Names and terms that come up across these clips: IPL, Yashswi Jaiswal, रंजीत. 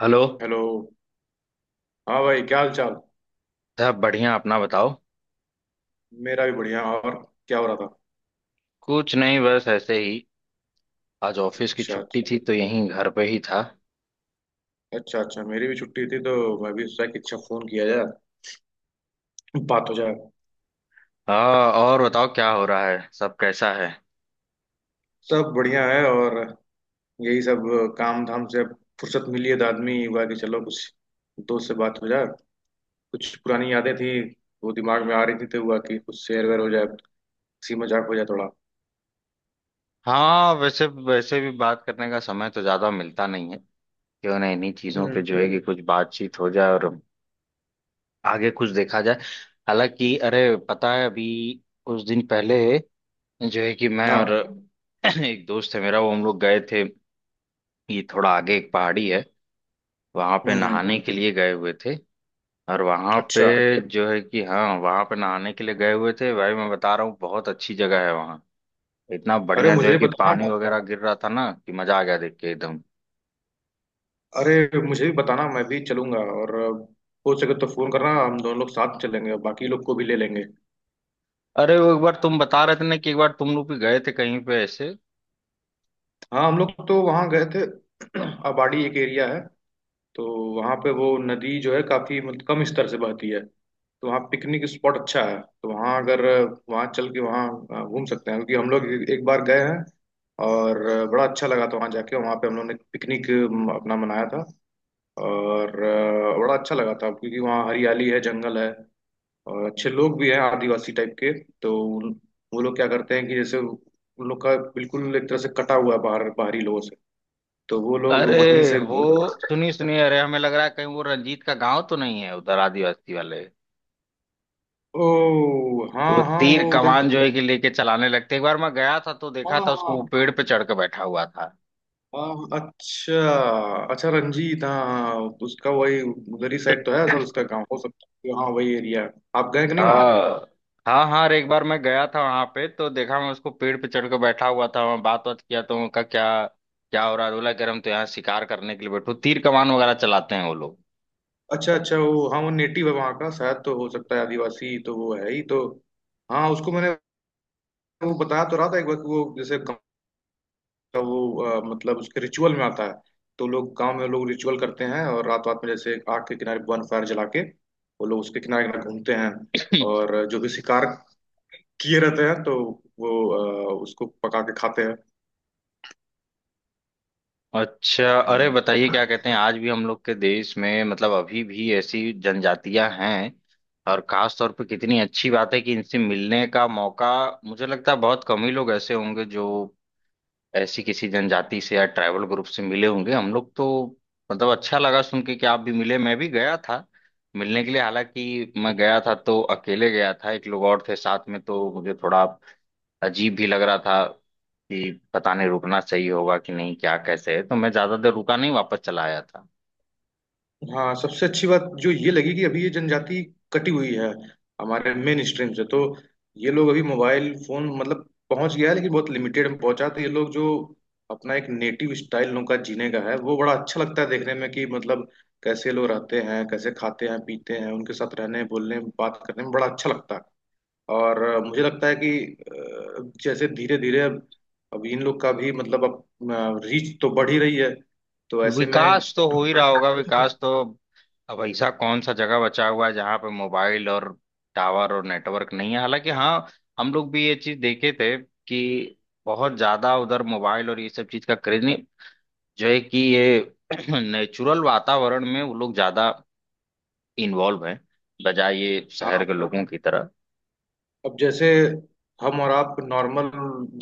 Hello. Hello. हाँ भाई, क्या हाल चाल। साहब बढ़िया, अपना बताओ। मेरा भी बढ़िया। और क्या हो रहा था। कुछ नहीं, बस ऐसे ही। आज ऑफिस की अच्छा छुट्टी अच्छा। थी तो यहीं घर पे ही था। अच्छा अच्छा, मेरी भी छुट्टी थी तो मैं भी सोचा कि अच्छा, फोन किया जाए, बात हो जाए। हाँ, और बताओ क्या हो रहा है, सब कैसा है? सब बढ़िया है। और यही सब काम धाम से अब फुर्सत मिली है तो आदमी हुआ कि चलो कुछ दोस्त से बात हो जाए। कुछ पुरानी यादें थी, वो दिमाग में आ रही थी तो हुआ कि कुछ शेयर वेयर हो जाए, हंसी मजाक हो जाए थोड़ा। हाँ, वैसे वैसे भी बात करने का समय तो ज्यादा मिलता नहीं है। क्यों ना इन्हीं चीजों पे हम्म। जो है कि कुछ बातचीत हो जाए और आगे कुछ देखा जाए। हालांकि अरे पता है, अभी कुछ दिन पहले जो है कि मैं और हाँ। एक दोस्त है मेरा, वो हम लोग गए थे। ये थोड़ा आगे एक पहाड़ी है, वहां पे हम्म। नहाने के लिए गए हुए थे। और वहां पे अच्छा। जो है कि हाँ, वहां पे नहाने के लिए गए हुए थे। भाई मैं बता रहा हूँ, बहुत अच्छी जगह है वहाँ। इतना अरे बढ़िया जो है मुझे कि बताना। पानी वगैरह गिर रहा था ना, कि मजा आ गया देख के एकदम। अरे मुझे भी बताना, मैं भी चलूंगा। और हो सके तो फोन करना, हम दोनों लोग साथ चलेंगे और बाकी लोग को भी ले लेंगे। अरे वो एक बार तुम बता रहे थे ना कि एक बार तुम लोग भी गए थे कहीं पे ऐसे। हाँ, हम लोग तो वहाँ गए थे। अबाड़ी एक एरिया है, तो वहाँ पे वो नदी जो है काफी मतलब कम स्तर से बहती है, तो वहाँ पिकनिक स्पॉट अच्छा है, तो वहाँ अगर वहाँ चल के वहाँ घूम सकते हैं, क्योंकि हम लोग एक एक बार गए हैं। और बड़ा अच्छा लगा था, वहाँ जाके वहाँ पे हम लोग ने पिकनिक अपना मनाया था। और बड़ा अच्छा लगा था, क्योंकि वहाँ हरियाली है, जंगल है, और अच्छे लोग भी हैं, आदिवासी टाइप के। तो उन- वो लोग क्या करते हैं कि जैसे उन लोग का बिल्कुल एक तरह से कटा हुआ है बाहरी लोगों से। तो वो लोग वहीं अरे से। वो सुनिए सुनिए, अरे हमें लग रहा है कहीं वो रंजीत का गांव तो नहीं है उधर, आदिवासी वाले। ओ हाँ वो हाँ, तीर वो उधर। कमान जो है कि लेके चलाने लगते, एक बार मैं गया था तो देखा हाँ था उसको, हाँ। वो पेड़ पे चढ़ के बैठा हुआ था। हाँ, अच्छा। अच्छा रंजीत, हाँ। उसका वही उधर ही साइड तो है सर, उसका गाँव हो सकता है कि हाँ, वही एरिया है। आप गए कि नहीं वहाँ। हाँ हाँ, हाँ अरे एक बार मैं गया था वहां पे तो देखा मैं उसको, पेड़ पे चढ़ के बैठा हुआ था। वहां बात बात किया तो उनका क्या क्या हो रहा है। बोला कि अरे हम तो यहाँ शिकार करने के लिए बैठो, तीर कमान वगैरह चलाते हैं वो लोग। अच्छा अच्छा, वो हाँ वो नेटिव है वहाँ का शायद, तो हो सकता है, आदिवासी तो वो है ही तो। हाँ, उसको मैंने वो बताया तो रहा था एक बार कि वो जैसे का वो मतलब उसके रिचुअल में आता है। तो लोग गांव में लोग रिचुअल करते हैं, और रात रात में जैसे आग के किनारे वन फायर जला के वो लोग उसके किनारे किनारे घूमते हैं। और जो भी शिकार किए रहते हैं तो वो उसको पका के खाते हैं। अच्छा, अरे हम्म। बताइए क्या कहते हैं, आज भी हम लोग के देश में मतलब अभी भी ऐसी जनजातियां हैं। और खास तौर पे कितनी अच्छी बात है कि इनसे मिलने का मौका। मुझे लगता है बहुत कम ही लोग ऐसे होंगे जो ऐसी किसी जनजाति से या ट्राइबल ग्रुप से मिले होंगे। हम लोग तो मतलब अच्छा लगा सुन के कि आप भी मिले, मैं भी गया था मिलने के लिए। हालांकि मैं गया था तो अकेले गया था, एक लोग और थे साथ में, तो मुझे थोड़ा अजीब भी लग रहा था कि पता नहीं रुकना सही होगा कि नहीं, क्या कैसे है। तो मैं ज्यादा देर रुका नहीं, वापस चला आया था। हाँ, सबसे अच्छी बात जो ये लगी कि अभी ये जनजाति कटी हुई है हमारे मेन स्ट्रीम से। तो ये लोग अभी मोबाइल फोन, मतलब पहुंच गया है लेकिन बहुत लिमिटेड में पहुंचा, तो ये लोग जो अपना एक नेटिव स्टाइल उनका जीने का है, वो बड़ा अच्छा लगता है देखने में कि मतलब कैसे लोग रहते हैं, कैसे खाते हैं पीते हैं, उनके साथ रहने बोलने बात करने में बड़ा अच्छा लगता है। और मुझे लगता है कि जैसे धीरे धीरे अब इन लोग का भी मतलब अब रीच तो बढ़ ही रही है, तो ऐसे में। विकास तो हो ही रहा होगा। विकास तो अब ऐसा कौन सा जगह बचा हुआ है जहां पे मोबाइल और टावर और नेटवर्क नहीं है। हालांकि हाँ, हम लोग भी ये चीज देखे थे कि बहुत ज्यादा उधर मोबाइल और ये सब चीज का क्रेज नहीं, जो है कि ये नेचुरल वातावरण में वो लोग ज्यादा इन्वॉल्व हैं, बजाय ये शहर के हाँ। लोगों की तरह। अब जैसे हम और आप नॉर्मल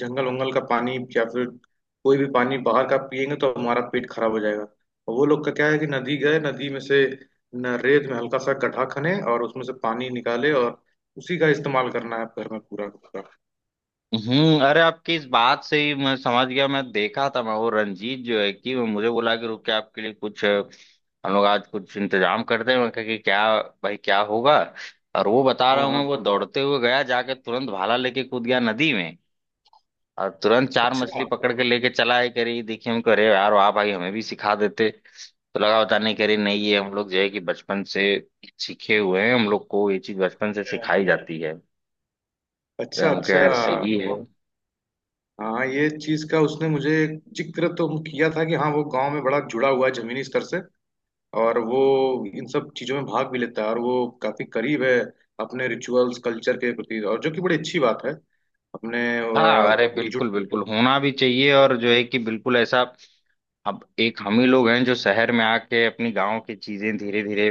जंगल वंगल का पानी या फिर कोई भी पानी बाहर का पिएंगे तो हमारा पेट खराब हो जाएगा। और वो लोग का क्या है कि नदी गए, नदी में से न रेत में हल्का सा गड्ढा खने और उसमें से पानी निकाले, और उसी का इस्तेमाल करना है घर में पूरा का पूरा। हम्म। अरे आपकी इस बात से ही मैं समझ गया। मैं देखा था, मैं वो रंजीत जो है कि वो मुझे बोला कि रुक के आपके लिए कुछ हम लोग आज कुछ इंतजाम करते हैं। मैं कहा कि क्या भाई, क्या होगा? और वो, बता रहा हाँ। हूँ मैं, हाँ। वो दौड़ते हुए गया, जाके तुरंत भाला लेके कूद गया नदी में और तुरंत चार अच्छा मछली पकड़ के लेके चला है, करी देखिए। हम कह रहे यार वाह भाई, हमें भी सिखा देते। तो लगा बता नहीं करे नहीं, ये हम लोग जो है कि बचपन से सीखे हुए हैं, हम लोग को ये चीज बचपन से सिखाई जाती है। तो अच्छा हम कहे अच्छा। यार सही है। हाँ, ये चीज का उसने मुझे जिक्र तो किया था कि हाँ, वो गांव में बड़ा जुड़ा हुआ है जमीनी स्तर से, और वो इन सब चीजों में भाग भी लेता है, और वो काफी करीब है अपने रिचुअल्स कल्चर के प्रति, और जो कि बड़ी अच्छी बात है। अपने हाँ अ, अरे जुड़ बिल्कुल बिल्कुल होना भी चाहिए, और जो है कि बिल्कुल ऐसा। अब एक हम ही लोग हैं जो शहर में आके अपनी गांव की चीजें धीरे धीरे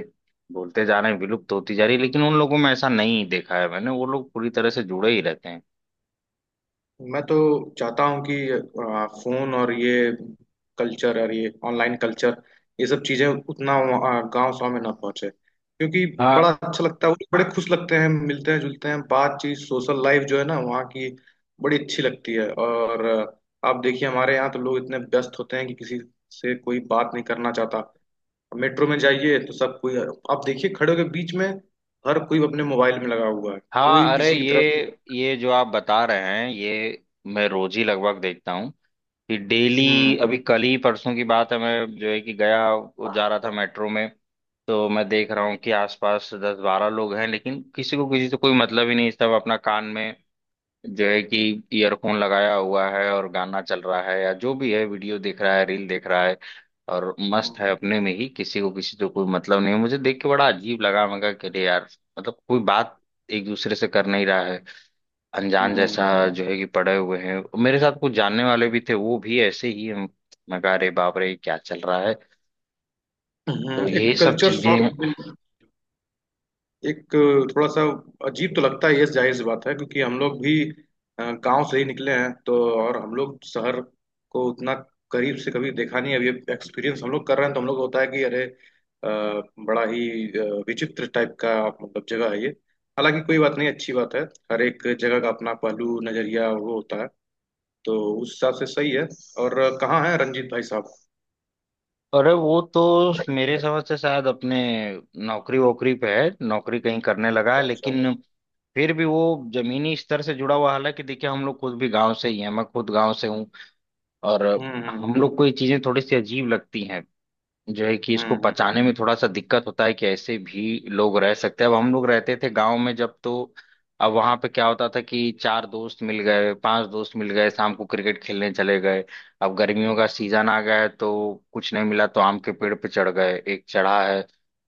बोलते जा रहे हैं, विलुप्त होती जा रही है। लेकिन उन लोगों में ऐसा नहीं देखा है मैंने, वो लोग पूरी तरह से जुड़े ही रहते हैं। मैं तो चाहता हूँ कि फोन और ये कल्चर और ये ऑनलाइन कल्चर, ये सब चीजें उतना गांव गाँव में ना पहुंचे, क्योंकि हाँ बड़ा अच्छा लगता है। वो बड़े खुश लगते हैं, मिलते हैं जुलते हैं, बातचीत सोशल लाइफ जो है ना वहाँ की, बड़ी अच्छी लगती है। और आप देखिए हमारे यहाँ तो लोग इतने व्यस्त होते हैं कि किसी से कोई बात नहीं करना चाहता। मेट्रो में जाइए तो सब कोई, आप देखिए खड़े होकर बीच में, हर कोई अपने मोबाइल में लगा हुआ है, कोई हाँ। अरे किसी की तरफ। ये जो आप बता रहे हैं ये मैं रोज ही लगभग देखता हूँ, कि डेली हम्म अभी कल ही परसों की बात है, मैं जो है कि गया, वो जा रहा था मेट्रो में। तो मैं देख रहा हूँ कि आसपास दस बारह लोग हैं, लेकिन किसी को किसी से कोई मतलब ही नहीं, सब अपना कान में जो है कि ईयरफोन लगाया हुआ है, और गाना चल रहा है या जो भी है, वीडियो देख रहा है, रील देख रहा है, और मस्त है हम्म। अपने में ही, किसी को किसी से कोई मतलब नहीं है। मुझे देख के बड़ा अजीब लगा, मैं कहा कि अरे यार, मतलब कोई बात एक दूसरे से कर नहीं रहा है, अनजान हम्म। जैसा जो है कि पड़े हुए हैं। मेरे साथ कुछ जानने वाले भी थे, वो भी ऐसे ही हैं। मैं कहा अरे बाप रे क्या चल रहा है। हम्म। तो एक यही सब कल्चर शॉक। चीजें। एक थोड़ा सा अजीब तो लगता है, ये जाहिर सी बात है, क्योंकि हम लोग भी गांव से ही निकले हैं तो। और हम लोग शहर को उतना करीब से कभी देखा नहीं है, अभी एक्सपीरियंस हम लोग कर रहे हैं तो हम लोग को होता है कि अरे बड़ा ही विचित्र टाइप का मतलब जगह है ये। हालांकि कोई बात नहीं, अच्छी बात है। हर एक जगह का अपना पहलू नजरिया वो होता है, तो उस हिसाब से सही है। और कहाँ है रंजीत भाई साहब। अरे वो तो मेरे समझ से शायद अपने नौकरी वोकरी पे है, नौकरी कहीं करने लगा है, अच्छा अच्छा। लेकिन फिर भी वो जमीनी स्तर से जुड़ा हुआ। हालांकि देखिए हम लोग खुद भी गांव से ही हैं, मैं खुद गांव से हूँ और हम्म। हम लोग को ये चीजें थोड़ी सी अजीब लगती हैं। जो है कि हम्म इसको हम्म। पचाने में थोड़ा सा दिक्कत होता है कि ऐसे भी लोग रह सकते हैं। अब हम लोग रहते थे गांव में जब, तो अब वहां पे क्या होता था कि चार दोस्त मिल गए, पांच दोस्त मिल गए, शाम को क्रिकेट खेलने चले गए। अब गर्मियों का सीजन आ गया है तो कुछ नहीं मिला तो आम के पेड़ पे चढ़ गए, एक चढ़ा है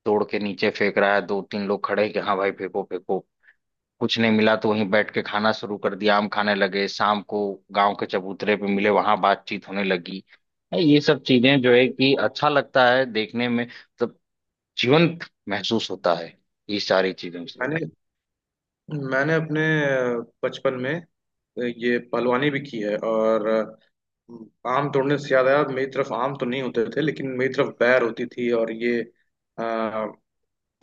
तोड़ के नीचे फेंक रहा है, दो तीन लोग खड़े हैं कि हाँ भाई फेंको फेंको। कुछ नहीं मिला तो वहीं बैठ के खाना शुरू कर दिया, आम खाने लगे। शाम को गांव के चबूतरे पे मिले, वहां बातचीत होने लगी है, ये सब चीजें जो है कि अच्छा लगता है देखने में, मतलब जीवंत महसूस होता है ये सारी चीजों से। मैंने मैंने अपने बचपन में ये पहलवानी भी की है, और आम तोड़ने से याद आया, मेरी तरफ आम तो नहीं होते थे लेकिन मेरी तरफ बैर होती थी, और ये अ,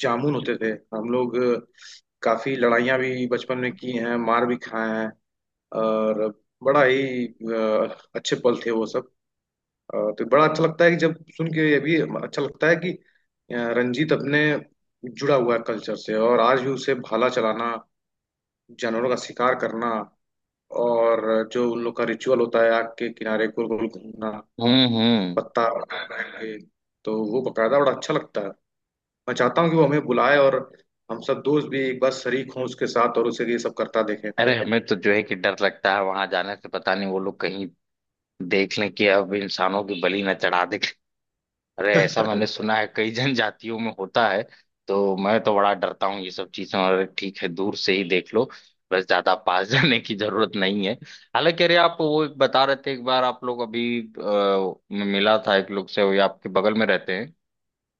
जामुन होते थे। हम लोग काफी लड़ाइयाँ भी बचपन में की हैं, मार भी खाए हैं। और बड़ा ही अच्छे पल थे वो सब। तो बड़ा अच्छा लगता है कि जब सुन के ये भी अच्छा लगता है कि रंजीत अपने जुड़ा हुआ है कल्चर से, और आज भी उसे भाला चलाना, जानवरों का शिकार करना, और जो उन लोग का रिचुअल होता है आग के किनारे गोल गोल घूमना, हम्म। पत्ता बैठ बैठ के, तो वो बकायदा बड़ा अच्छा लगता है। मैं चाहता हूँ कि वो हमें बुलाए और हम सब दोस्त भी एक बार शरीक हों उसके साथ, और उसे ये सब करता देखें। अरे हमें तो जो है कि डर लगता है वहां जाने से, पता नहीं वो लोग कहीं देख लें कि अब इंसानों की बलि न चढ़ा दे। अरे ऐसा मैंने सुना है कई जनजातियों में होता है। तो मैं तो बड़ा डरता हूँ ये सब चीजें, और ठीक है दूर से ही देख लो, बस ज्यादा पास जाने की जरूरत नहीं है। हालांकि अरे आप वो एक बता रहे थे, एक बार आप लोग अभी मिला था एक लोग से, वो ये आपके बगल में रहते हैं,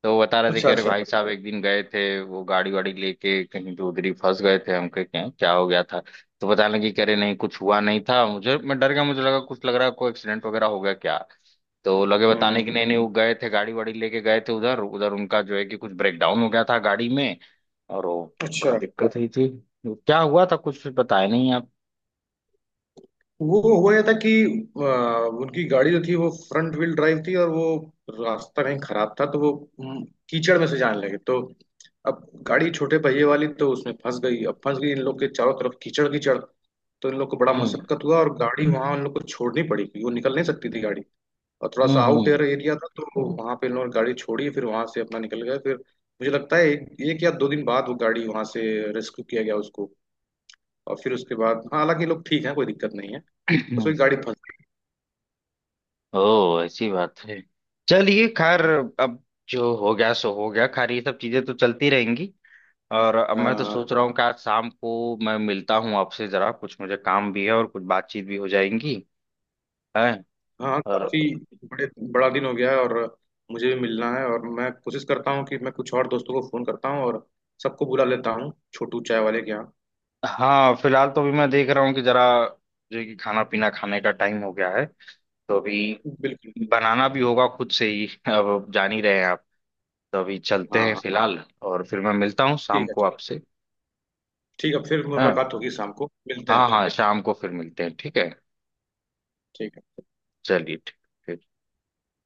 तो वो बता रहे थे अच्छा कि अरे अच्छा। भाई साहब एक दिन गए थे, वो गाड़ी वाड़ी लेके कहीं, तो उधर ही फंस गए थे। हम कहे क्या क्या हो गया था? तो बताने लगी कि अरे नहीं कुछ हुआ नहीं था मुझे, मैं डर गया, मुझे लगा कुछ लग रहा है कोई एक्सीडेंट वगैरह हो गया क्या। तो वो लगे बताने हम्म। की नहीं नहीं, वो गए थे गाड़ी वाड़ी लेके गए थे, उधर उधर उनका जो है कि कुछ ब्रेकडाउन हो गया था गाड़ी में। और वो बड़ा अच्छा। दिक्कत हुई थी। वो क्या हुआ था कुछ बताया नहीं आप? वो हुआ ये था कि उनकी गाड़ी जो थी वो फ्रंट व्हील ड्राइव थी, और वो रास्ता कहीं खराब था, तो वो हम्म, कीचड़ में से जाने लगे तो अब गाड़ी छोटे पहिए वाली तो उसमें फंस गई। अब फंस गई, इन लोग के चारों तरफ कीचड़ कीचड़। तो इन लोग को बड़ा हम्म मशक्कत हुआ, और गाड़ी वहां उन लोग को छोड़नी पड़ी क्योंकि वो निकल नहीं सकती थी गाड़ी। और थोड़ा सा आउट हम्म एयर एरिया था, तो वहां पे इन लोगों ने गाड़ी छोड़ी, फिर वहां से अपना निकल गए। फिर मुझे लगता है एक या दो दिन बाद वो गाड़ी वहां से रेस्क्यू किया गया उसको। और फिर उसके बाद हाँ, हालांकि ये लोग ठीक है, कोई दिक्कत नहीं है। बस हम्म। वही गाड़ी फंस। ओह ऐसी बात है। चलिए खैर, अब जो हो गया सो हो गया। खैर ये सब चीजें तो चलती रहेंगी। और अब मैं तो हाँ। सोच रहा हूँ कि आज शाम को मैं मिलता हूँ आपसे जरा, कुछ मुझे काम भी है और कुछ बातचीत भी हो जाएंगी। है। हाँ और काफी। बड़े बड़ा दिन हो गया है, और मुझे भी मिलना है, और मैं कोशिश करता हूँ कि मैं कुछ और दोस्तों को फोन करता हूँ और सबको बुला लेता हूँ छोटू चाय वाले के यहाँ। हाँ, फिलहाल तो अभी मैं देख रहा हूँ कि जरा जो है कि खाना पीना, खाने का टाइम हो गया है, तो अभी बिल्कुल। बनाना भी होगा खुद से ही। अब जान ही रहे हैं आप, तो अभी चलते हाँ हैं हाँ। फिलहाल। और फिर मैं मिलता हूँ शाम ठीक है। को ठीक। आपसे। ठीक है, फिर हाँ मुलाकात होगी शाम को, मिलते हैं हाँ। फिर। हाँ शाम को फिर मिलते हैं, ठीक है। ठीक है। चलिए, ठीक ठीक।